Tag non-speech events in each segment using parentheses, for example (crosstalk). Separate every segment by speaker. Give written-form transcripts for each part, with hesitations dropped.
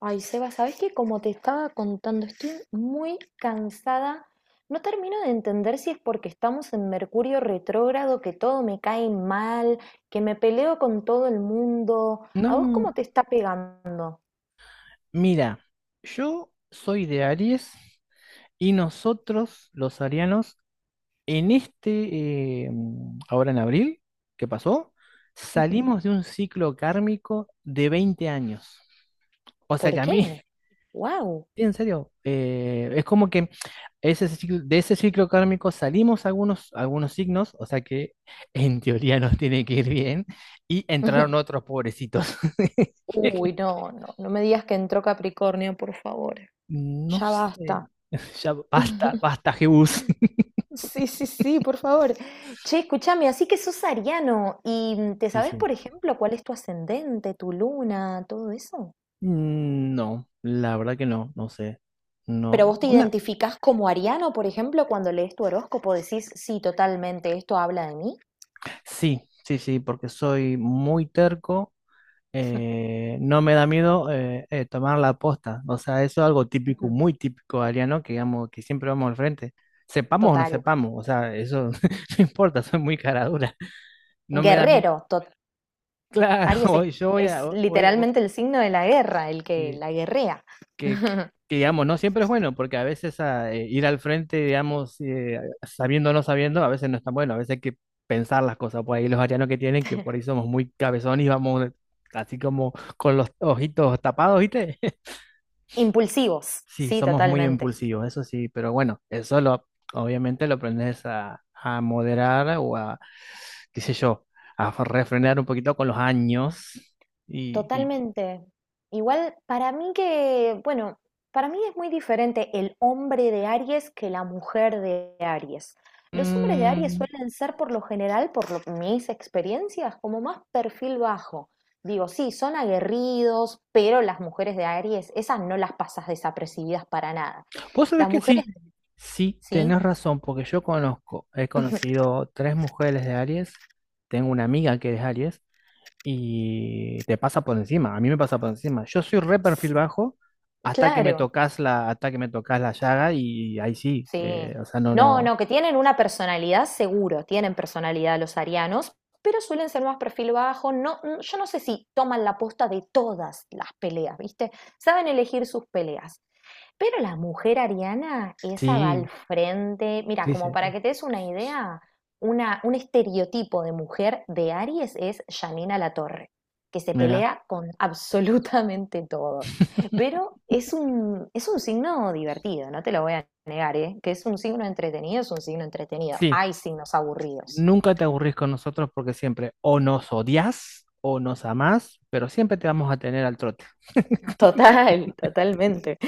Speaker 1: Ay, Seba, ¿sabes qué? Como te estaba contando, estoy muy cansada. No termino de entender si es porque estamos en Mercurio retrógrado, que todo me cae mal, que me peleo con todo el mundo. ¿A vos cómo
Speaker 2: No,
Speaker 1: te está pegando?
Speaker 2: mira, yo soy de Aries y nosotros, los arianos, ahora en abril, ¿qué pasó?
Speaker 1: Ujú.
Speaker 2: Salimos de un ciclo kármico de 20 años. O sea
Speaker 1: ¿Por
Speaker 2: que a mí, (laughs)
Speaker 1: qué? ¡Wow!
Speaker 2: en serio, es como que de ese ciclo kármico salimos algunos signos, o sea que en teoría nos tiene que ir bien, y entraron
Speaker 1: (laughs)
Speaker 2: otros pobrecitos.
Speaker 1: Uy,
Speaker 2: (laughs)
Speaker 1: no, no, no me digas que entró Capricornio, por favor.
Speaker 2: No
Speaker 1: Ya
Speaker 2: sé.
Speaker 1: basta.
Speaker 2: (laughs) Ya basta,
Speaker 1: (laughs)
Speaker 2: basta, Jebus. (laughs)
Speaker 1: Sí, sí, sí, por favor. Che, escúchame, así que sos ariano y ¿te
Speaker 2: Sí,
Speaker 1: sabes,
Speaker 2: sí.
Speaker 1: por ejemplo, cuál es tu ascendente, tu luna, todo eso?
Speaker 2: No, la verdad que no sé.
Speaker 1: Pero
Speaker 2: No.
Speaker 1: vos te
Speaker 2: Una.
Speaker 1: identificás como ariano, por ejemplo, cuando lees tu horóscopo, decís, sí, totalmente, esto habla de mí.
Speaker 2: Sí, sí, sí, porque soy muy terco. No me da miedo tomar la posta. O sea, eso es algo típico,
Speaker 1: Ujú.
Speaker 2: muy típico ariano, que digamos, que siempre vamos al frente. Sepamos o no
Speaker 1: Total.
Speaker 2: sepamos, o sea, eso (laughs) no importa, soy muy cara dura. No me da miedo.
Speaker 1: Guerrero, tot-
Speaker 2: Claro, (laughs)
Speaker 1: Aries
Speaker 2: hoy yo voy a.
Speaker 1: es
Speaker 2: hoy- hoy- hoy-
Speaker 1: literalmente el signo de la guerra, el que
Speaker 2: sí.
Speaker 1: la guerrea.
Speaker 2: que,
Speaker 1: (laughs)
Speaker 2: que, digamos, no siempre es bueno, porque a veces ir al frente, digamos, sabiendo o no sabiendo, a veces no es tan bueno, a veces hay que pensar las cosas, por ahí los arianos que por ahí somos muy cabezones y vamos así como con los ojitos tapados, ¿viste? (laughs)
Speaker 1: Impulsivos,
Speaker 2: Sí,
Speaker 1: sí,
Speaker 2: somos muy
Speaker 1: totalmente.
Speaker 2: impulsivos, eso sí, pero bueno, eso lo, obviamente lo aprendes a moderar o a, qué sé yo, a refrenar un poquito con los años y, y,
Speaker 1: Totalmente. Igual para mí que, bueno, para mí es muy diferente el hombre de Aries que la mujer de Aries. Los hombres de Aries
Speaker 2: mm,
Speaker 1: suelen ser por lo general, por lo, mis experiencias, como más perfil bajo. Digo, sí, son aguerridos, pero las mujeres de Aries, esas no las pasas desapercibidas para nada.
Speaker 2: Vos sabés
Speaker 1: Las
Speaker 2: que
Speaker 1: mujeres,
Speaker 2: sí, sí,
Speaker 1: sí,
Speaker 2: tenés razón, porque he
Speaker 1: (laughs)
Speaker 2: conocido tres mujeres de Aries, tengo una amiga que es Aries, y te pasa por encima, a mí me pasa por encima. Yo soy re perfil bajo
Speaker 1: claro.
Speaker 2: hasta que me tocas la llaga y ahí sí,
Speaker 1: Sí.
Speaker 2: o sea, no,
Speaker 1: No,
Speaker 2: no,
Speaker 1: no, que tienen una personalidad seguro, tienen personalidad los arianos, pero suelen ser más perfil bajo. No, yo no sé si toman la posta de todas las peleas, ¿viste? Saben elegir sus peleas. Pero la mujer ariana, esa va
Speaker 2: sí,
Speaker 1: al frente. Mira,
Speaker 2: sí, sí,
Speaker 1: como para que te des una idea, una, un estereotipo de mujer de Aries es Janina Latorre, que se
Speaker 2: mira.
Speaker 1: pelea con (laughs) absolutamente todos.
Speaker 2: (laughs)
Speaker 1: Pero es un signo divertido, no te lo voy a negar, ¿eh? Que es un signo entretenido, es un signo entretenido.
Speaker 2: Sí,
Speaker 1: Hay signos aburridos.
Speaker 2: nunca te aburrís con nosotros porque siempre o nos odias o nos amás, pero siempre te vamos a tener al trote.
Speaker 1: (laughs) Total, totalmente.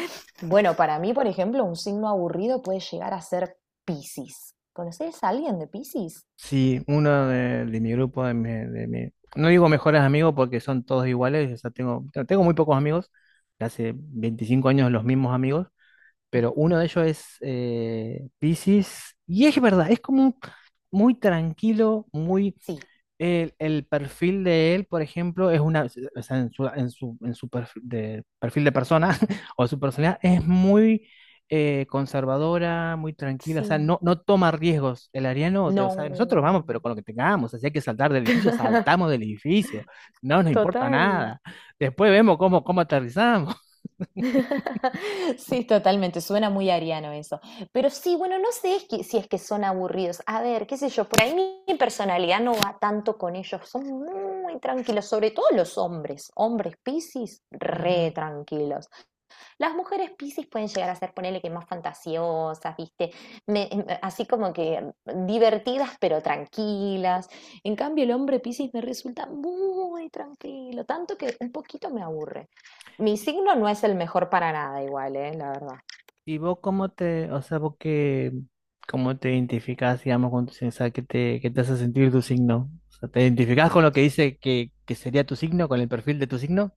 Speaker 1: Bueno, para mí, por ejemplo, un signo aburrido puede llegar a ser Piscis. ¿Conoces a alguien de Piscis?
Speaker 2: Sí, uno de mi grupo, no digo mejores amigos porque son todos iguales, o sea, tengo muy pocos amigos, hace 25 años los mismos amigos, pero uno de ellos es Piscis, y es verdad, es como un- muy tranquilo, muy
Speaker 1: Sí.
Speaker 2: el perfil de él, por ejemplo, es una, o sea, en su perfil, perfil de persona (laughs) o su personalidad es muy conservadora, muy tranquila, o sea, no,
Speaker 1: Sí,
Speaker 2: no toma riesgos. El ariano, o sea, nosotros vamos,
Speaker 1: no.
Speaker 2: pero con lo que tengamos, así hay que saltar del edificio,
Speaker 1: (laughs)
Speaker 2: saltamos del edificio, no nos importa
Speaker 1: Total.
Speaker 2: nada. Después vemos cómo aterrizamos.
Speaker 1: (laughs) Sí, totalmente, suena muy ariano eso. Pero sí, bueno, no sé es que- si es que son aburridos. A ver, qué sé yo, por ahí mi personalidad no va tanto con ellos. Son muy tranquilos, sobre todo los hombres. Hombres Piscis, re
Speaker 2: (laughs)
Speaker 1: tranquilos. Las mujeres Piscis pueden llegar a ser, ponele que más fantasiosas, ¿viste? Así como que divertidas pero tranquilas. En cambio, el hombre Piscis me resulta muy tranquilo, tanto que un poquito me aburre. Mi
Speaker 2: Ujú.
Speaker 1: signo no es el mejor para nada igual, ¿eh? La verdad.
Speaker 2: ¿Y vos o sea, vos cómo te identificás, digamos, con tu signo? O sea, qué te hace sentir tu signo? O sea, ¿te identificás con lo que dice que sería tu signo, con el perfil de tu signo?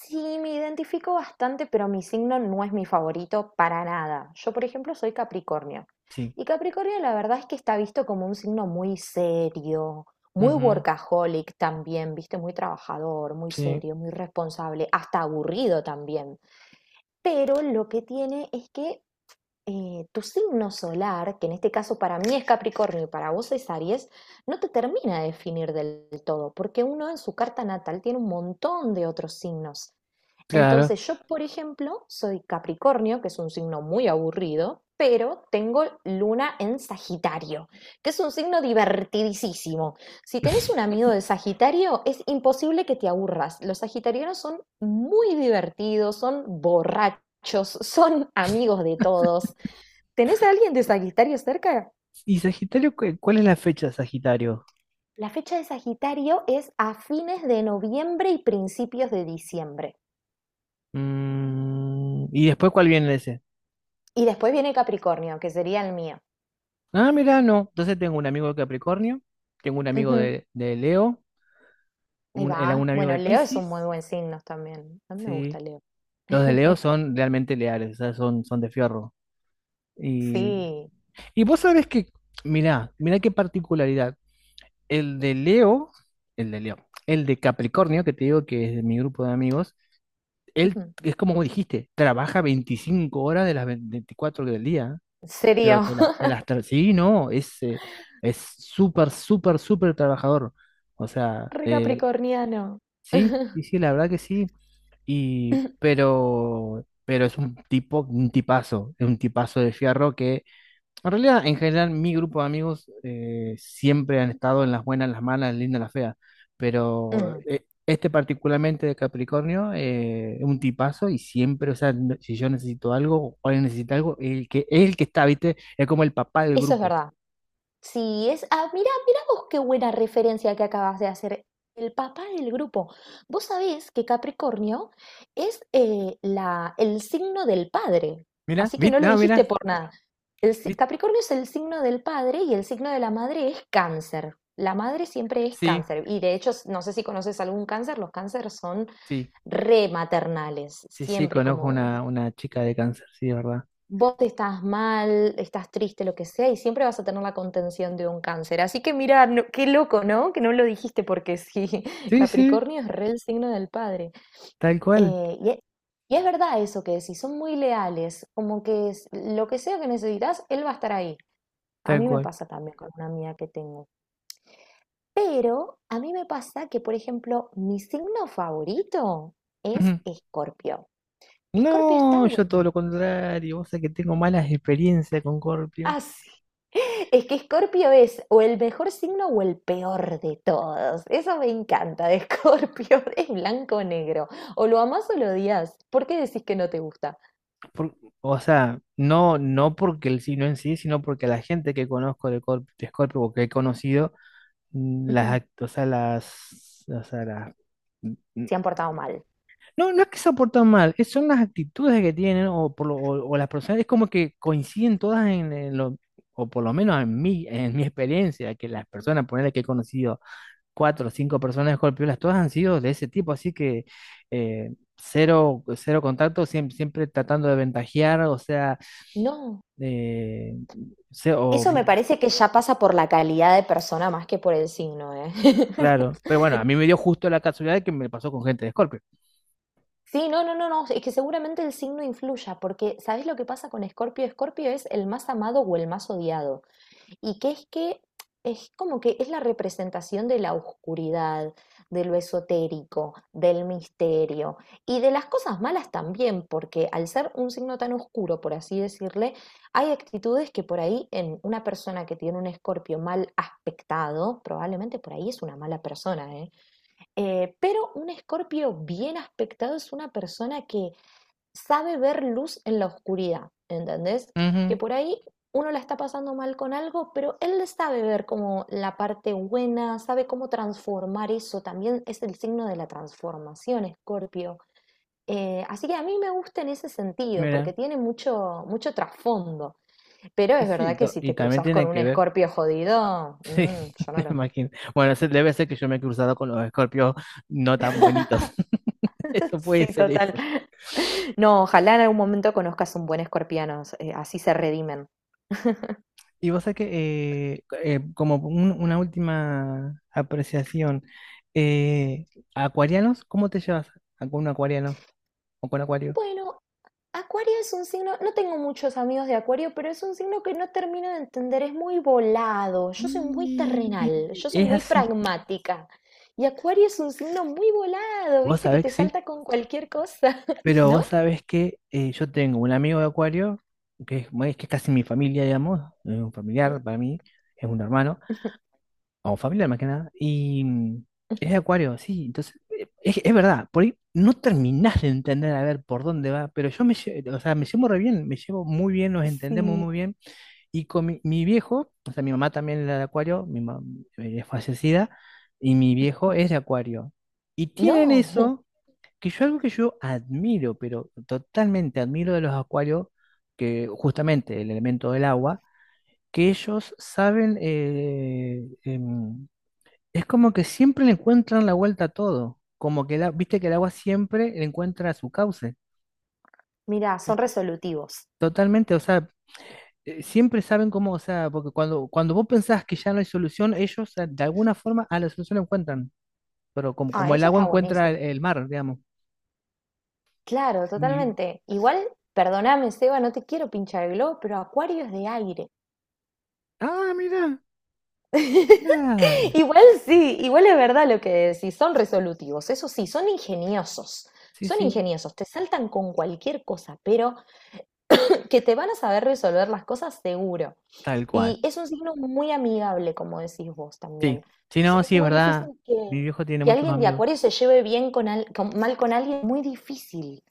Speaker 1: Sí, me identifico bastante, pero mi signo no es mi favorito para nada. Yo, por ejemplo, soy Capricornio.
Speaker 2: Sí.
Speaker 1: Y Capricornio, la verdad es que está visto como un signo muy serio, muy
Speaker 2: Ujú,
Speaker 1: workaholic también, viste, muy trabajador, muy
Speaker 2: sí,
Speaker 1: serio, muy responsable, hasta aburrido también. Pero lo que tiene es que tu signo solar, que en este caso para mí es Capricornio y para vos es Aries, no te termina de definir del todo, porque uno en su carta natal tiene un montón de otros signos.
Speaker 2: claro.
Speaker 1: Entonces, yo, por ejemplo, soy Capricornio, que es un signo muy aburrido, pero tengo luna en Sagitario, que es un signo divertidísimo. Si tenés un amigo de Sagitario, es imposible que te aburras. Los sagitarianos son muy divertidos, son borrachos, (laughs) son amigos de todos. ¿Tenés a alguien de Sagitario cerca?
Speaker 2: ¿Y Sagitario, cuál es la fecha de Sagitario?
Speaker 1: La fecha de Sagitario es a fines de noviembre y principios de diciembre.
Speaker 2: Mm, ¿y después cuál viene ese?
Speaker 1: Y después viene Capricornio, que sería el mío.
Speaker 2: Ah, mirá, no. Entonces tengo un amigo de Capricornio, tengo un amigo
Speaker 1: Ujú.
Speaker 2: de Leo,
Speaker 1: Ahí va.
Speaker 2: un amigo
Speaker 1: Bueno,
Speaker 2: de
Speaker 1: Leo es un muy
Speaker 2: Piscis,
Speaker 1: buen signo también. A mí me gusta
Speaker 2: sí.
Speaker 1: Leo.
Speaker 2: Los de Leo
Speaker 1: (laughs)
Speaker 2: son realmente leales, o sea, son de fierro. Y
Speaker 1: Sí.
Speaker 2: Y vos sabés que, mirá, mirá qué particularidad. El de Leo, el de Leo, el de Capricornio, que te digo que es de mi grupo de amigos, él
Speaker 1: Ujú.
Speaker 2: es como vos dijiste, trabaja 25 horas de las 24 del día, ¿eh? pero
Speaker 1: Serio.
Speaker 2: de las, de
Speaker 1: (laughs)
Speaker 2: las tra- sí, no, es súper, súper, súper trabajador. O sea,
Speaker 1: Re capricorniano. (laughs)
Speaker 2: sí, sí, sí, la verdad que sí. Y, pero es un tipo, un tipazo, es un tipazo de fierro que en realidad, en general, mi grupo de amigos siempre han estado en las buenas, en las malas, en las lindas, en las feas. Pero
Speaker 1: Mm,
Speaker 2: este particularmente de Capricornio es un tipazo y siempre, o sea, si yo necesito algo o alguien necesita algo, el que está, ¿viste? Es como el papá del
Speaker 1: eso es
Speaker 2: grupo.
Speaker 1: verdad. Sí, es. Ah, mira, mira vos qué buena referencia que acabas de hacer. El papá del grupo. Vos sabés que Capricornio es la, el signo del padre.
Speaker 2: Mira,
Speaker 1: Así que no
Speaker 2: ¿viste?
Speaker 1: lo
Speaker 2: No,
Speaker 1: dijiste
Speaker 2: mira,
Speaker 1: por nada. El, si-
Speaker 2: ¿viste?
Speaker 1: Capricornio es el signo del padre y el signo de la madre es cáncer. La madre siempre es
Speaker 2: Sí,
Speaker 1: cáncer. Y de hecho, no sé si conoces algún cáncer, los cánceres son
Speaker 2: sí,
Speaker 1: rematernales.
Speaker 2: sí, sí,
Speaker 1: Siempre
Speaker 2: conozco
Speaker 1: como
Speaker 2: una chica de cáncer, sí, es verdad.
Speaker 1: vos estás mal, estás triste, lo que sea, y siempre vas a tener la contención de un cáncer. Así que mira, no- qué loco, ¿no? Que no lo dijiste porque sí, (laughs)
Speaker 2: Sí, sí,
Speaker 1: Capricornio es re el signo del padre.
Speaker 2: tal cual,
Speaker 1: Y, e- y es verdad eso que decís, son muy leales, como que es- lo que sea que necesitas, él va a estar ahí. A
Speaker 2: tal
Speaker 1: mí me
Speaker 2: cual.
Speaker 1: pasa también con una amiga que tengo. Pero a mí me pasa que, por ejemplo, mi signo favorito es
Speaker 2: Ujú.
Speaker 1: Escorpio. Escorpio está
Speaker 2: No, yo todo
Speaker 1: bueno.
Speaker 2: lo contrario, vos sabés que tengo malas experiencias con Corpio.
Speaker 1: Es que Escorpio es o el mejor signo o el peor de todos. Eso me encanta de Escorpio. (laughs) Es blanco o negro. O lo amás o lo odias. ¿Por qué decís que no te gusta?
Speaker 2: por- o sea, no, no porque el signo en sí, sino porque la gente que conozco de Scorpio o que he conocido, mm, las,
Speaker 1: Ujú,
Speaker 2: act- o sea, las, mm,
Speaker 1: se han portado mal.
Speaker 2: no, no es que se portan mal, son las actitudes que tienen o, o las personas, es como que coinciden todas en, lo, o por lo menos en mi experiencia, que las personas, ponerle que he conocido cuatro o cinco personas golpeolas, todas han sido de ese tipo, así que cero, cero contacto, siempre, siempre tratando de ventajear, o sea,
Speaker 1: No.
Speaker 2: eh, se- o,
Speaker 1: Eso me parece que ya pasa por la calidad de persona más que por el signo, ¿eh? (laughs)
Speaker 2: claro, pero bueno, a mí me dio justo la casualidad que me pasó con gente de Scorpio.
Speaker 1: Sí, no, no, no, no. Es que seguramente el signo influya, porque ¿sabés lo que pasa con Escorpio? Escorpio es el más amado o el más odiado. Y que es como que es la representación de la oscuridad, de lo esotérico, del misterio y de las cosas malas también, porque al ser un signo tan oscuro, por así decirle, hay actitudes que por ahí en una persona que tiene un escorpio mal aspectado, probablemente por ahí es una mala persona, ¿eh? Pero un escorpio bien aspectado es una persona que sabe ver luz en la oscuridad, ¿entendés?
Speaker 2: Ujú,
Speaker 1: Que por ahí uno la está pasando mal con algo, pero él sabe ver como la parte buena, sabe cómo transformar eso. También es el signo de la transformación, Escorpio. Así que a mí me gusta en ese sentido, porque
Speaker 2: mira,
Speaker 1: tiene mucho, mucho trasfondo. Pero
Speaker 2: y
Speaker 1: es
Speaker 2: sí,
Speaker 1: verdad que si
Speaker 2: y
Speaker 1: te
Speaker 2: también
Speaker 1: cruzas con
Speaker 2: tiene
Speaker 1: un
Speaker 2: que ver,
Speaker 1: escorpio jodido, yo
Speaker 2: (laughs)
Speaker 1: no
Speaker 2: me
Speaker 1: lo...
Speaker 2: imagino. Bueno, debe ser que yo me he cruzado con los Scorpios no tan bonitos, (laughs)
Speaker 1: (laughs)
Speaker 2: eso
Speaker 1: Sí,
Speaker 2: puede ser
Speaker 1: total.
Speaker 2: eso.
Speaker 1: No, ojalá en algún momento conozcas un buen escorpiano, así se redimen.
Speaker 2: Y vos sabés que, como una última apreciación, eh, ¿acuarianos? ¿Cómo te llevas con un acuariano o con acuario?
Speaker 1: Bueno, Acuario es un signo, no tengo muchos amigos de Acuario, pero es un signo que no termino de entender, es muy volado, yo soy muy
Speaker 2: Y
Speaker 1: terrenal, yo soy
Speaker 2: es
Speaker 1: muy
Speaker 2: así,
Speaker 1: pragmática. Y Acuario es un signo muy volado,
Speaker 2: vos
Speaker 1: viste, que
Speaker 2: sabés
Speaker 1: te
Speaker 2: que sí,
Speaker 1: salta con cualquier cosa, (laughs)
Speaker 2: pero
Speaker 1: ¿no?
Speaker 2: vos sabés que yo tengo un amigo de acuario, que es, que es casi mi familia, digamos, es un familiar para mí, es un hermano, o familiar más que nada, y eres de Acuario, sí, entonces, es verdad, por ahí no terminás de entender a ver por dónde va, pero yo o sea, me llevo re bien, me llevo muy bien, nos entendemos muy bien, y con mi viejo, o sea, mi mamá también era de Acuario, mi mamá es fallecida, y mi viejo es de Acuario, y tienen
Speaker 1: No, (laughs)
Speaker 2: eso, que yo algo que yo admiro, pero totalmente admiro de los Acuarios, que justamente el elemento del agua, que ellos saben es como que siempre le encuentran la vuelta a todo. Como que, la, viste que el agua siempre le encuentra su cauce.
Speaker 1: mira, son
Speaker 2: ¿Viste?
Speaker 1: resolutivos.
Speaker 2: Totalmente, o sea, siempre saben cómo, o sea, porque cuando vos pensás que ya no hay solución, ellos de alguna forma a la solución la encuentran. Pero
Speaker 1: Ah,
Speaker 2: como el
Speaker 1: eso
Speaker 2: agua
Speaker 1: está
Speaker 2: encuentra
Speaker 1: buenísimo.
Speaker 2: el mar, digamos.
Speaker 1: Claro,
Speaker 2: Y-
Speaker 1: totalmente. Igual, perdóname, Seba, no te quiero pinchar el globo, pero Acuario es de aire.
Speaker 2: ah, mira,
Speaker 1: (laughs)
Speaker 2: claro.
Speaker 1: Igual sí, igual es verdad lo que decís, son resolutivos, eso sí,
Speaker 2: Sí,
Speaker 1: son
Speaker 2: sí,
Speaker 1: ingeniosos, te saltan con cualquier cosa, pero que te van a saber resolver las cosas seguro.
Speaker 2: tal cual.
Speaker 1: Y es un signo muy amigable, como decís vos también.
Speaker 2: Sí, sí, no,
Speaker 1: Es
Speaker 2: sí, es
Speaker 1: muy
Speaker 2: verdad.
Speaker 1: difícil
Speaker 2: Mi viejo tiene
Speaker 1: que
Speaker 2: muchos
Speaker 1: alguien de
Speaker 2: amigos.
Speaker 1: Acuario se lleve bien con, al- con- mal con alguien, muy difícil.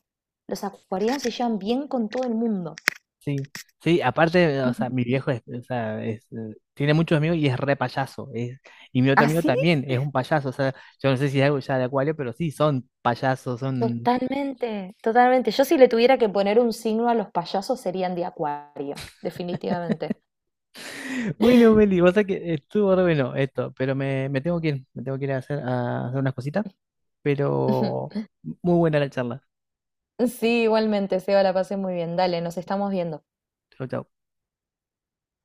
Speaker 1: Los acuarianos se llevan bien con todo el mundo.
Speaker 2: Sí, sí, aparte, o sea, mi
Speaker 1: (laughs)
Speaker 2: viejo es, o sea, es, tiene muchos amigos y es re payaso. Y mi otro amigo
Speaker 1: Así
Speaker 2: también es un payaso. O sea, yo no sé si es algo ya de Acuario, pero sí, son payasos, son.
Speaker 1: totalmente, totalmente. Yo si le tuviera que poner un signo a los payasos serían de acuario, definitivamente.
Speaker 2: (laughs) Bueno, Meli, vos sabés que estuvo re bueno esto, pero me tengo que ir, a hacer unas cositas,
Speaker 1: (laughs)
Speaker 2: pero muy buena la charla.
Speaker 1: Sí, igualmente, Seba, la pasé muy bien. Dale, nos estamos viendo.
Speaker 2: Chau, chau.